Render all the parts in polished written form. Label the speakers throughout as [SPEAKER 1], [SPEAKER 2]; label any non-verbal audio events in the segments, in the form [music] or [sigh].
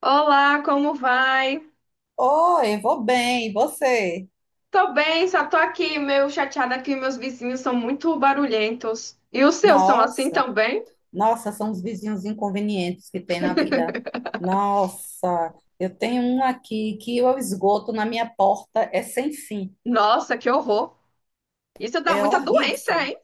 [SPEAKER 1] Olá, como vai?
[SPEAKER 2] Oi, vou bem, e você?
[SPEAKER 1] Tô bem, só tô aqui meio chateada que meus vizinhos são muito barulhentos. E os seus são assim
[SPEAKER 2] Nossa,
[SPEAKER 1] também?
[SPEAKER 2] nossa, são os vizinhos inconvenientes que tem na vida.
[SPEAKER 1] [laughs]
[SPEAKER 2] Nossa, eu tenho um aqui que o esgoto na minha porta é sem fim,
[SPEAKER 1] Nossa, que horror! Isso dá
[SPEAKER 2] é
[SPEAKER 1] muita doença,
[SPEAKER 2] horrível.
[SPEAKER 1] hein?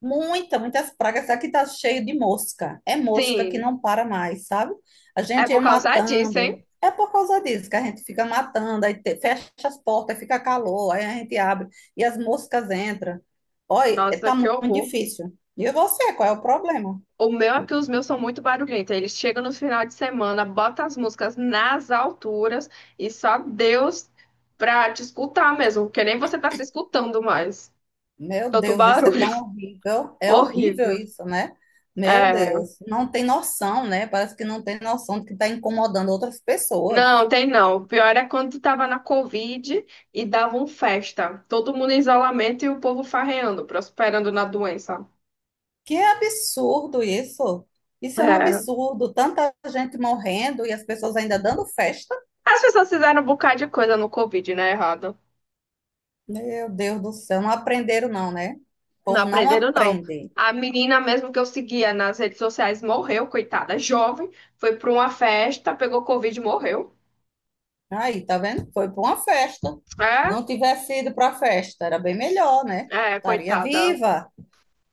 [SPEAKER 2] Muitas pragas. Aqui tá cheio de mosca. É mosca que
[SPEAKER 1] Sim,
[SPEAKER 2] não para mais, sabe? A
[SPEAKER 1] é
[SPEAKER 2] gente é
[SPEAKER 1] por causa disso,
[SPEAKER 2] matando.
[SPEAKER 1] hein?
[SPEAKER 2] É por causa disso que a gente fica matando, fecha as portas, fica calor, aí a gente abre e as moscas entram. Olha, é,
[SPEAKER 1] Nossa,
[SPEAKER 2] tá
[SPEAKER 1] que
[SPEAKER 2] muito
[SPEAKER 1] horror!
[SPEAKER 2] difícil. E você, qual é o problema?
[SPEAKER 1] O meu é que os meus são muito barulhentos. Eles chegam no final de semana, botam as músicas nas alturas e só Deus pra te escutar mesmo, porque nem você tá se escutando mais.
[SPEAKER 2] Meu
[SPEAKER 1] Tanto
[SPEAKER 2] Deus, isso é
[SPEAKER 1] barulho.
[SPEAKER 2] tão
[SPEAKER 1] [laughs]
[SPEAKER 2] horrível. É horrível
[SPEAKER 1] Horrível.
[SPEAKER 2] isso, né? Meu
[SPEAKER 1] É.
[SPEAKER 2] Deus, não tem noção, né? Parece que não tem noção de que está incomodando outras pessoas.
[SPEAKER 1] Não, tem não. O pior é quando tava na Covid e davam festa. Todo mundo em isolamento e o povo farreando, prosperando na doença.
[SPEAKER 2] Que absurdo isso! Isso é um
[SPEAKER 1] É.
[SPEAKER 2] absurdo. Tanta gente morrendo e as pessoas ainda dando festa.
[SPEAKER 1] As pessoas fizeram um bocado de coisa no Covid, né? Errado.
[SPEAKER 2] Meu Deus do céu, não aprenderam não, né? O
[SPEAKER 1] Não
[SPEAKER 2] povo não
[SPEAKER 1] aprenderam, não.
[SPEAKER 2] aprende.
[SPEAKER 1] A menina mesmo que eu seguia nas redes sociais morreu, coitada. Jovem, foi pra uma festa, pegou Covid e morreu.
[SPEAKER 2] Aí, tá vendo? Foi para uma festa.
[SPEAKER 1] É,
[SPEAKER 2] Não tivesse ido para a festa, era bem melhor, né?
[SPEAKER 1] é,
[SPEAKER 2] Estaria
[SPEAKER 1] coitada.
[SPEAKER 2] viva.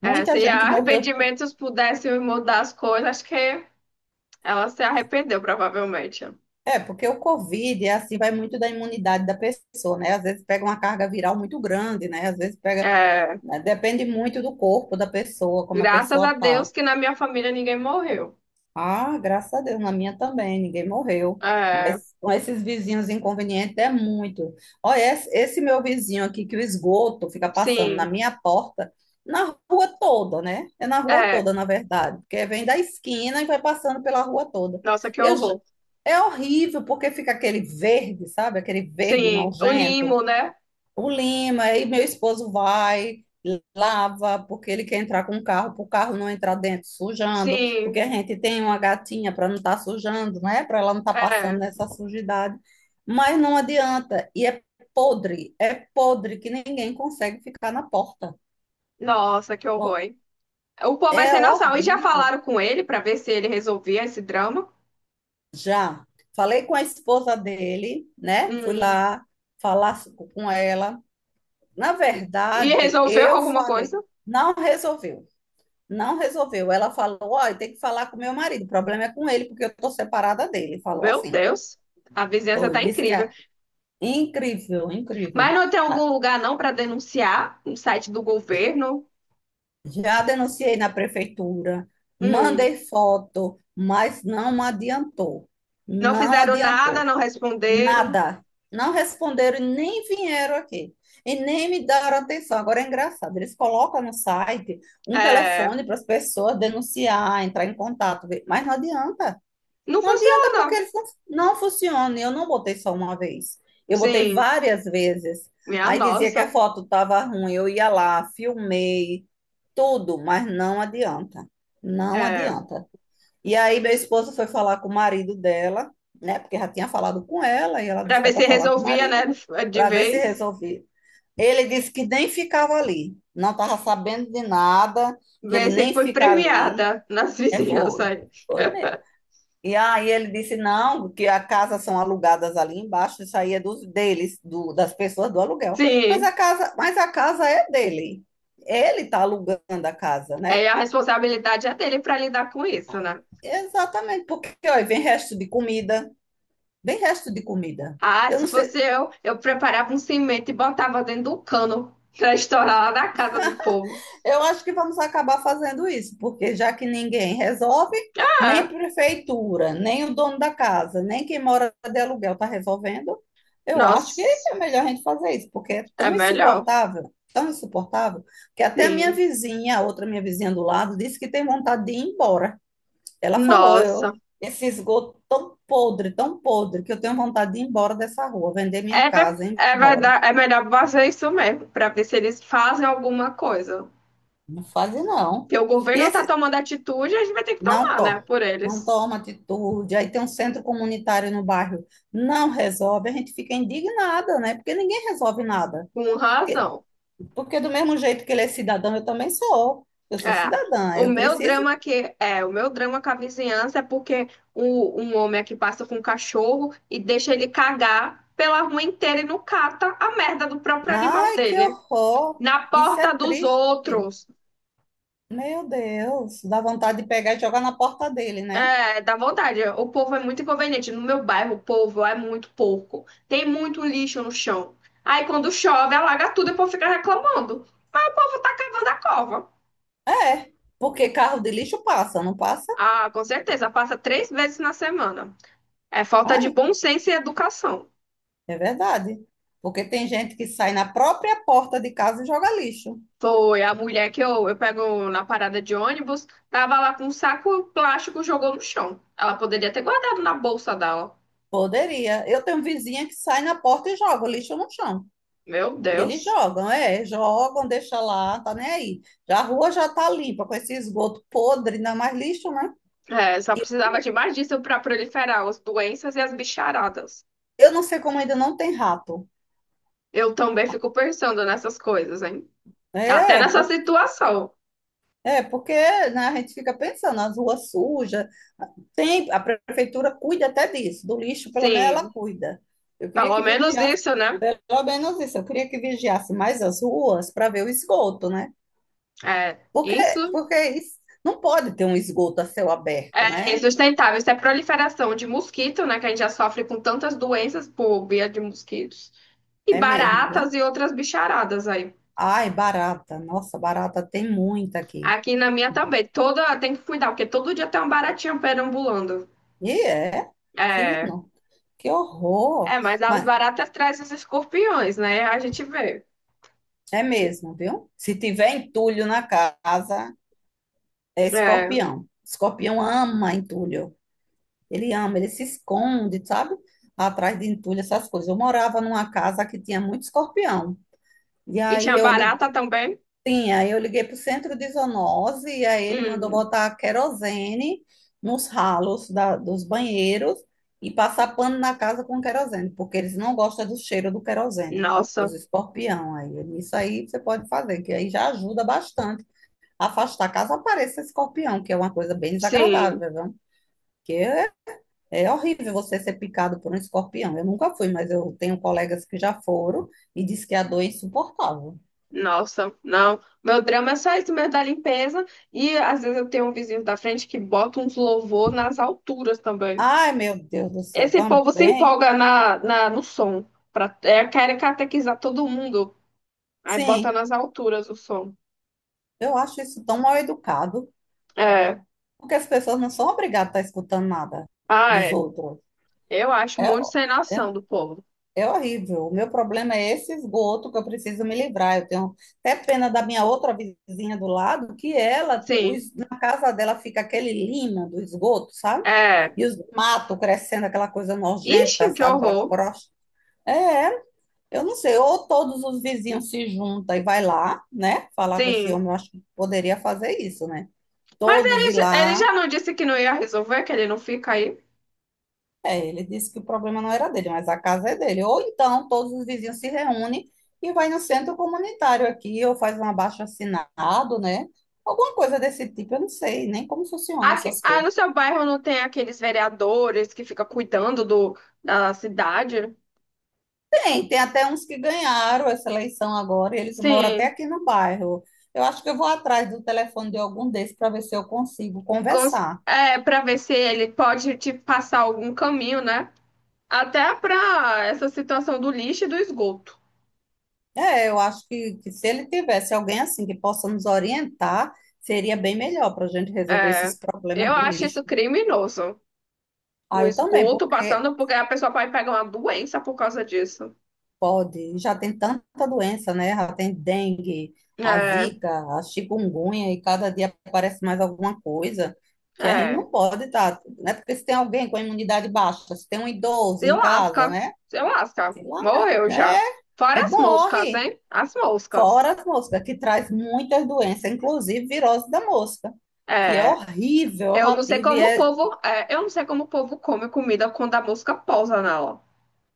[SPEAKER 1] É,
[SPEAKER 2] Muita
[SPEAKER 1] se
[SPEAKER 2] gente morreu por...
[SPEAKER 1] arrependimentos pudessem mudar as coisas, acho que ela se arrependeu, provavelmente.
[SPEAKER 2] É, porque o Covid é assim, vai muito da imunidade da pessoa, né? Às vezes pega uma carga viral muito grande, né? Às vezes pega...
[SPEAKER 1] É.
[SPEAKER 2] né? Depende muito do corpo da pessoa, como a
[SPEAKER 1] Graças a
[SPEAKER 2] pessoa tá.
[SPEAKER 1] Deus que na minha família ninguém morreu.
[SPEAKER 2] Ah, graças a Deus, na minha também, ninguém morreu.
[SPEAKER 1] É,
[SPEAKER 2] Mas com esses vizinhos inconvenientes é muito. Olha, esse meu vizinho aqui que o esgoto fica passando na
[SPEAKER 1] sim,
[SPEAKER 2] minha porta, na rua toda, né? É na rua
[SPEAKER 1] é.
[SPEAKER 2] toda, na verdade, porque vem da esquina e vai passando pela rua toda.
[SPEAKER 1] Nossa, que
[SPEAKER 2] Eu, j-
[SPEAKER 1] horror.
[SPEAKER 2] é horrível porque fica aquele verde, sabe? Aquele verde
[SPEAKER 1] Sim, o
[SPEAKER 2] nojento,
[SPEAKER 1] limo, né?
[SPEAKER 2] o Lima. Aí meu esposo vai, lava, porque ele quer entrar com o carro, para o carro não entrar dentro sujando,
[SPEAKER 1] Sim,
[SPEAKER 2] porque a gente tem uma gatinha para não estar sujando, né? Para ela não estar passando
[SPEAKER 1] é.
[SPEAKER 2] nessa sujidade. Mas não adianta, e é podre que ninguém consegue ficar na porta.
[SPEAKER 1] Nossa, que horror,
[SPEAKER 2] Bom,
[SPEAKER 1] hein? O povo vai
[SPEAKER 2] é
[SPEAKER 1] sem noção. E já
[SPEAKER 2] horrível.
[SPEAKER 1] falaram com ele pra ver se ele resolvia esse drama?
[SPEAKER 2] Já falei com a esposa dele, né? Fui
[SPEAKER 1] Hum.
[SPEAKER 2] lá falar com ela. Na
[SPEAKER 1] E e
[SPEAKER 2] verdade,
[SPEAKER 1] resolveu
[SPEAKER 2] eu
[SPEAKER 1] alguma
[SPEAKER 2] falei,
[SPEAKER 1] coisa?
[SPEAKER 2] não resolveu. Não resolveu. Ela falou: ó, eu tenho que falar com meu marido. O problema é com ele, porque eu tô separada dele. Falou
[SPEAKER 1] Meu
[SPEAKER 2] assim.
[SPEAKER 1] Deus, a vizinhança
[SPEAKER 2] Foi.
[SPEAKER 1] tá
[SPEAKER 2] Disse que
[SPEAKER 1] incrível.
[SPEAKER 2] é incrível,
[SPEAKER 1] Mas
[SPEAKER 2] incrível.
[SPEAKER 1] não tem algum
[SPEAKER 2] Ah,
[SPEAKER 1] lugar não pra denunciar no site do governo?
[SPEAKER 2] já denunciei na prefeitura,
[SPEAKER 1] Hum.
[SPEAKER 2] mandei foto, mas não adiantou.
[SPEAKER 1] Não
[SPEAKER 2] Não
[SPEAKER 1] fizeram nada,
[SPEAKER 2] adiantou.
[SPEAKER 1] não responderam.
[SPEAKER 2] Nada. Não responderam e nem vieram aqui. E nem me deram atenção. Agora é engraçado. Eles colocam no site um
[SPEAKER 1] É,
[SPEAKER 2] telefone para as pessoas denunciar, entrar em contato, mas não adianta.
[SPEAKER 1] não
[SPEAKER 2] Não adianta porque
[SPEAKER 1] funciona.
[SPEAKER 2] eles não funcionam. Eu não botei só uma vez. Eu botei
[SPEAKER 1] Sim,
[SPEAKER 2] várias vezes.
[SPEAKER 1] minha
[SPEAKER 2] Aí dizia que
[SPEAKER 1] nossa.
[SPEAKER 2] a foto estava ruim. Eu ia lá, filmei, tudo, mas não adianta. Não
[SPEAKER 1] É,
[SPEAKER 2] adianta. E aí meu esposo foi falar com o marido dela, né? Porque já tinha falado com ela, e ela
[SPEAKER 1] para
[SPEAKER 2] disse que é
[SPEAKER 1] ver
[SPEAKER 2] para
[SPEAKER 1] se
[SPEAKER 2] falar com o
[SPEAKER 1] resolvia,
[SPEAKER 2] marido,
[SPEAKER 1] né, de
[SPEAKER 2] para ver se
[SPEAKER 1] vez.
[SPEAKER 2] resolvia. Ele disse que nem ficava ali, não estava sabendo de nada, que ele
[SPEAKER 1] Ver se
[SPEAKER 2] nem
[SPEAKER 1] foi
[SPEAKER 2] fica ali.
[SPEAKER 1] premiada nas
[SPEAKER 2] É, foi,
[SPEAKER 1] vizinhanças.
[SPEAKER 2] foi mesmo.
[SPEAKER 1] [laughs]
[SPEAKER 2] E aí ele disse, não, que as casas são alugadas ali embaixo, isso aí é dos deles, do, das pessoas do aluguel.
[SPEAKER 1] Sim,
[SPEAKER 2] Mas a casa é dele. Ele está alugando a casa,
[SPEAKER 1] é,
[SPEAKER 2] né?
[SPEAKER 1] a responsabilidade é dele para lidar com isso, né?
[SPEAKER 2] Exatamente, porque ó, vem resto de comida, vem resto de comida.
[SPEAKER 1] Ah,
[SPEAKER 2] Eu
[SPEAKER 1] se
[SPEAKER 2] não
[SPEAKER 1] fosse
[SPEAKER 2] sei,
[SPEAKER 1] eu preparava um cimento e botava dentro do cano para estourar lá na casa do povo.
[SPEAKER 2] eu acho que vamos acabar fazendo isso, porque já que ninguém resolve, nem
[SPEAKER 1] É,
[SPEAKER 2] prefeitura, nem o dono da casa, nem quem mora de aluguel está resolvendo, eu acho que
[SPEAKER 1] nossa,
[SPEAKER 2] é melhor a gente fazer isso, porque é
[SPEAKER 1] é melhor.
[SPEAKER 2] tão insuportável, que até a minha
[SPEAKER 1] Sim,
[SPEAKER 2] vizinha, a outra minha vizinha do lado, disse que tem vontade de ir embora. Ela falou, eu,
[SPEAKER 1] nossa.
[SPEAKER 2] esse esgoto tão podre, que eu tenho vontade de ir embora dessa rua, vender minha
[SPEAKER 1] É, ver-
[SPEAKER 2] casa e ir
[SPEAKER 1] é,
[SPEAKER 2] embora.
[SPEAKER 1] verdade, é melhor fazer isso mesmo, para ver se eles fazem alguma coisa.
[SPEAKER 2] Não faz não.
[SPEAKER 1] Porque o
[SPEAKER 2] E
[SPEAKER 1] governo não está
[SPEAKER 2] esse
[SPEAKER 1] tomando atitude, a gente vai ter que
[SPEAKER 2] Não
[SPEAKER 1] tomar, né?
[SPEAKER 2] to,
[SPEAKER 1] Por
[SPEAKER 2] não
[SPEAKER 1] eles.
[SPEAKER 2] toma atitude. Aí tem um centro comunitário no bairro, não resolve. A gente fica indignada, né? Porque ninguém resolve nada.
[SPEAKER 1] Com
[SPEAKER 2] Porque,
[SPEAKER 1] razão.
[SPEAKER 2] porque do mesmo jeito que ele é cidadão, eu também sou. Eu sou
[SPEAKER 1] É.
[SPEAKER 2] cidadã,
[SPEAKER 1] O
[SPEAKER 2] eu
[SPEAKER 1] meu
[SPEAKER 2] preciso.
[SPEAKER 1] drama que é, o meu drama com a vizinhança é porque o, um homem aqui passa com um cachorro e deixa ele cagar pela rua inteira e não cata a merda do próprio animal
[SPEAKER 2] Ai, que
[SPEAKER 1] dele.
[SPEAKER 2] horror!
[SPEAKER 1] Na
[SPEAKER 2] Isso é
[SPEAKER 1] porta dos
[SPEAKER 2] triste.
[SPEAKER 1] outros.
[SPEAKER 2] Meu Deus, dá vontade de pegar e jogar na porta dele, né?
[SPEAKER 1] É, dá vontade. O povo é muito inconveniente. No meu bairro, o povo é muito porco. Tem muito lixo no chão. Aí quando chove, alaga tudo e o povo fica reclamando. Mas o povo tá cavando a cova.
[SPEAKER 2] É, porque carro de lixo passa, não passa?
[SPEAKER 1] Ah, com certeza, passa três vezes na semana. É falta de
[SPEAKER 2] Ai,
[SPEAKER 1] bom senso e educação.
[SPEAKER 2] é verdade. Porque tem gente que sai na própria porta de casa e joga lixo.
[SPEAKER 1] Foi a mulher que eu pego na parada de ônibus, tava lá com um saco plástico, jogou no chão. Ela poderia ter guardado na bolsa dela.
[SPEAKER 2] Poderia. Eu tenho vizinha que sai na porta e joga o lixo no chão.
[SPEAKER 1] Meu
[SPEAKER 2] Eles
[SPEAKER 1] Deus.
[SPEAKER 2] jogam, é, jogam, deixa lá, tá nem aí. Já a rua já tá limpa com esse esgoto podre, ainda mais lixo, né?
[SPEAKER 1] É, só precisava de mais disso para proliferar as doenças e as bicharadas.
[SPEAKER 2] Eu não sei como ainda não tem rato.
[SPEAKER 1] Eu também fico pensando nessas coisas, hein?
[SPEAKER 2] É,
[SPEAKER 1] Até nessa situação.
[SPEAKER 2] é porque né, a gente fica pensando, as ruas sujas, tem, a prefeitura cuida até disso, do lixo, pelo menos ela
[SPEAKER 1] Sim,
[SPEAKER 2] cuida. Eu queria
[SPEAKER 1] pelo
[SPEAKER 2] que
[SPEAKER 1] menos
[SPEAKER 2] vigiasse,
[SPEAKER 1] isso, né?
[SPEAKER 2] pelo menos isso, eu queria que vigiasse mais as ruas para ver o esgoto, né?
[SPEAKER 1] É,
[SPEAKER 2] Porque,
[SPEAKER 1] isso
[SPEAKER 2] porque é isso, não pode ter um esgoto a céu aberto,
[SPEAKER 1] é
[SPEAKER 2] né?
[SPEAKER 1] sustentável. Isso é proliferação de mosquito, né? Que a gente já sofre com tantas doenças por via de mosquitos. E
[SPEAKER 2] É mesmo,
[SPEAKER 1] baratas
[SPEAKER 2] viu?
[SPEAKER 1] e outras bicharadas aí.
[SPEAKER 2] Ai, barata. Nossa, barata tem muita aqui.
[SPEAKER 1] Aqui na minha também. Toda tem que cuidar, porque todo dia tem uma baratinha perambulando.
[SPEAKER 2] E é, que,
[SPEAKER 1] É,
[SPEAKER 2] no, que
[SPEAKER 1] é
[SPEAKER 2] horror.
[SPEAKER 1] mas as
[SPEAKER 2] Mas
[SPEAKER 1] baratas trazem os escorpiões, né? A gente vê.
[SPEAKER 2] é mesmo, viu? Se tiver entulho na casa, é
[SPEAKER 1] É,
[SPEAKER 2] escorpião. Escorpião ama entulho. Ele ama, ele se esconde, sabe? Atrás de entulho, essas coisas. Eu morava numa casa que tinha muito escorpião. E
[SPEAKER 1] e
[SPEAKER 2] aí
[SPEAKER 1] tinha
[SPEAKER 2] eu
[SPEAKER 1] barata
[SPEAKER 2] liguei.
[SPEAKER 1] também.
[SPEAKER 2] Sim, aí eu liguei para o centro de zoonose e aí ele mandou
[SPEAKER 1] Hum,
[SPEAKER 2] botar querosene nos dos banheiros e passar pano na casa com querosene, porque eles não gostam do cheiro do querosene, os
[SPEAKER 1] nossa,
[SPEAKER 2] escorpião. Aí ele, isso aí você pode fazer, que aí já ajuda bastante a afastar caso apareça escorpião, que é uma coisa bem
[SPEAKER 1] sim.
[SPEAKER 2] desagradável, viu? Porque é horrível você ser picado por um escorpião. Eu nunca fui, mas eu tenho colegas que já foram e diz que a dor é insuportável.
[SPEAKER 1] Nossa, não. Meu drama é só isso mesmo da limpeza. E às vezes eu tenho um vizinho da frente que bota uns louvor nas alturas também.
[SPEAKER 2] Ai, meu Deus do céu,
[SPEAKER 1] Esse povo se
[SPEAKER 2] também.
[SPEAKER 1] empolga no som. Pra, é, querem catequizar todo mundo. Aí bota
[SPEAKER 2] Sim,
[SPEAKER 1] nas alturas o som.
[SPEAKER 2] eu acho isso tão mal educado,
[SPEAKER 1] É.
[SPEAKER 2] porque as pessoas não são obrigadas a estar escutando nada
[SPEAKER 1] Ah,
[SPEAKER 2] dos
[SPEAKER 1] é.
[SPEAKER 2] outros.
[SPEAKER 1] Eu acho
[SPEAKER 2] É,
[SPEAKER 1] muito sem
[SPEAKER 2] é,
[SPEAKER 1] noção do povo.
[SPEAKER 2] é horrível. O meu problema é esse esgoto que eu preciso me livrar. Eu tenho até pena da minha outra vizinha do lado, que ela,
[SPEAKER 1] Sim.
[SPEAKER 2] os na casa dela fica aquele lima do esgoto, sabe?
[SPEAKER 1] É.
[SPEAKER 2] E os matos crescendo, aquela coisa
[SPEAKER 1] Ixi,
[SPEAKER 2] nojenta,
[SPEAKER 1] que
[SPEAKER 2] sabe? Aquela
[SPEAKER 1] horror.
[SPEAKER 2] crosta. É, eu não sei, ou todos os vizinhos se juntam e vai lá, né? Falar com esse
[SPEAKER 1] Sim.
[SPEAKER 2] homem, eu acho que poderia fazer isso, né?
[SPEAKER 1] Mas
[SPEAKER 2] Todos ir
[SPEAKER 1] ele
[SPEAKER 2] lá.
[SPEAKER 1] já não disse que não ia resolver, que ele não fica aí?
[SPEAKER 2] É, ele disse que o problema não era dele, mas a casa é dele. Ou então todos os vizinhos se reúnem e vai no centro comunitário aqui, ou faz um abaixo-assinado, né? Alguma coisa desse tipo, eu não sei nem como funcionam
[SPEAKER 1] Aqui,
[SPEAKER 2] essas
[SPEAKER 1] ah, no
[SPEAKER 2] coisas.
[SPEAKER 1] seu bairro não tem aqueles vereadores que ficam cuidando do, da cidade?
[SPEAKER 2] Tem, tem até uns que ganharam essa eleição agora, e eles moram até
[SPEAKER 1] Sim,
[SPEAKER 2] aqui no bairro. Eu acho que eu vou atrás do telefone de algum desses para ver se eu consigo
[SPEAKER 1] cons-
[SPEAKER 2] conversar.
[SPEAKER 1] é, para ver se ele pode te passar algum caminho, né? Até para essa situação do lixo e do esgoto.
[SPEAKER 2] É, eu acho que se ele tivesse alguém assim que possa nos orientar, seria bem melhor para a gente resolver
[SPEAKER 1] É,
[SPEAKER 2] esses
[SPEAKER 1] eu
[SPEAKER 2] problemas do
[SPEAKER 1] acho isso
[SPEAKER 2] lixo.
[SPEAKER 1] criminoso.
[SPEAKER 2] Ah,
[SPEAKER 1] O
[SPEAKER 2] eu também,
[SPEAKER 1] esgoto
[SPEAKER 2] porque
[SPEAKER 1] passando porque a pessoa pode pegar uma doença por causa disso.
[SPEAKER 2] pode, já tem tanta doença, né? Já tem dengue, a
[SPEAKER 1] É,
[SPEAKER 2] zika, a chikungunya, e cada dia aparece mais alguma coisa que a gente
[SPEAKER 1] é.
[SPEAKER 2] não pode estar, né? Porque se tem alguém com a imunidade baixa, se tem um idoso
[SPEAKER 1] Se
[SPEAKER 2] em casa,
[SPEAKER 1] lasca,
[SPEAKER 2] né?
[SPEAKER 1] se lasca.
[SPEAKER 2] Sei lá,
[SPEAKER 1] Morreu
[SPEAKER 2] é,
[SPEAKER 1] já. Fora
[SPEAKER 2] é
[SPEAKER 1] as
[SPEAKER 2] bom,
[SPEAKER 1] moscas,
[SPEAKER 2] morre.
[SPEAKER 1] hein? As moscas.
[SPEAKER 2] Fora as moscas, que traz muitas doenças, inclusive virose da mosca, que é
[SPEAKER 1] É.
[SPEAKER 2] horrível, eu
[SPEAKER 1] Eu não
[SPEAKER 2] já
[SPEAKER 1] sei
[SPEAKER 2] e
[SPEAKER 1] como o
[SPEAKER 2] é,
[SPEAKER 1] povo, é, eu não sei como o povo come comida quando a mosca pousa nela.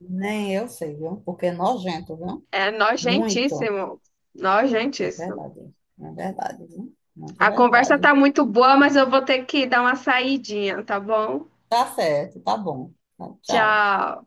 [SPEAKER 2] nem eu sei, viu? Porque é nojento, viu?
[SPEAKER 1] É
[SPEAKER 2] Muito.
[SPEAKER 1] nojentíssimo,
[SPEAKER 2] É
[SPEAKER 1] nojentíssimo.
[SPEAKER 2] verdade, é verdade, viu? Muito
[SPEAKER 1] A conversa
[SPEAKER 2] verdade.
[SPEAKER 1] tá muito boa, mas eu vou ter que dar uma saidinha, tá bom?
[SPEAKER 2] Tá certo, tá bom. Tá, tchau.
[SPEAKER 1] Tchau.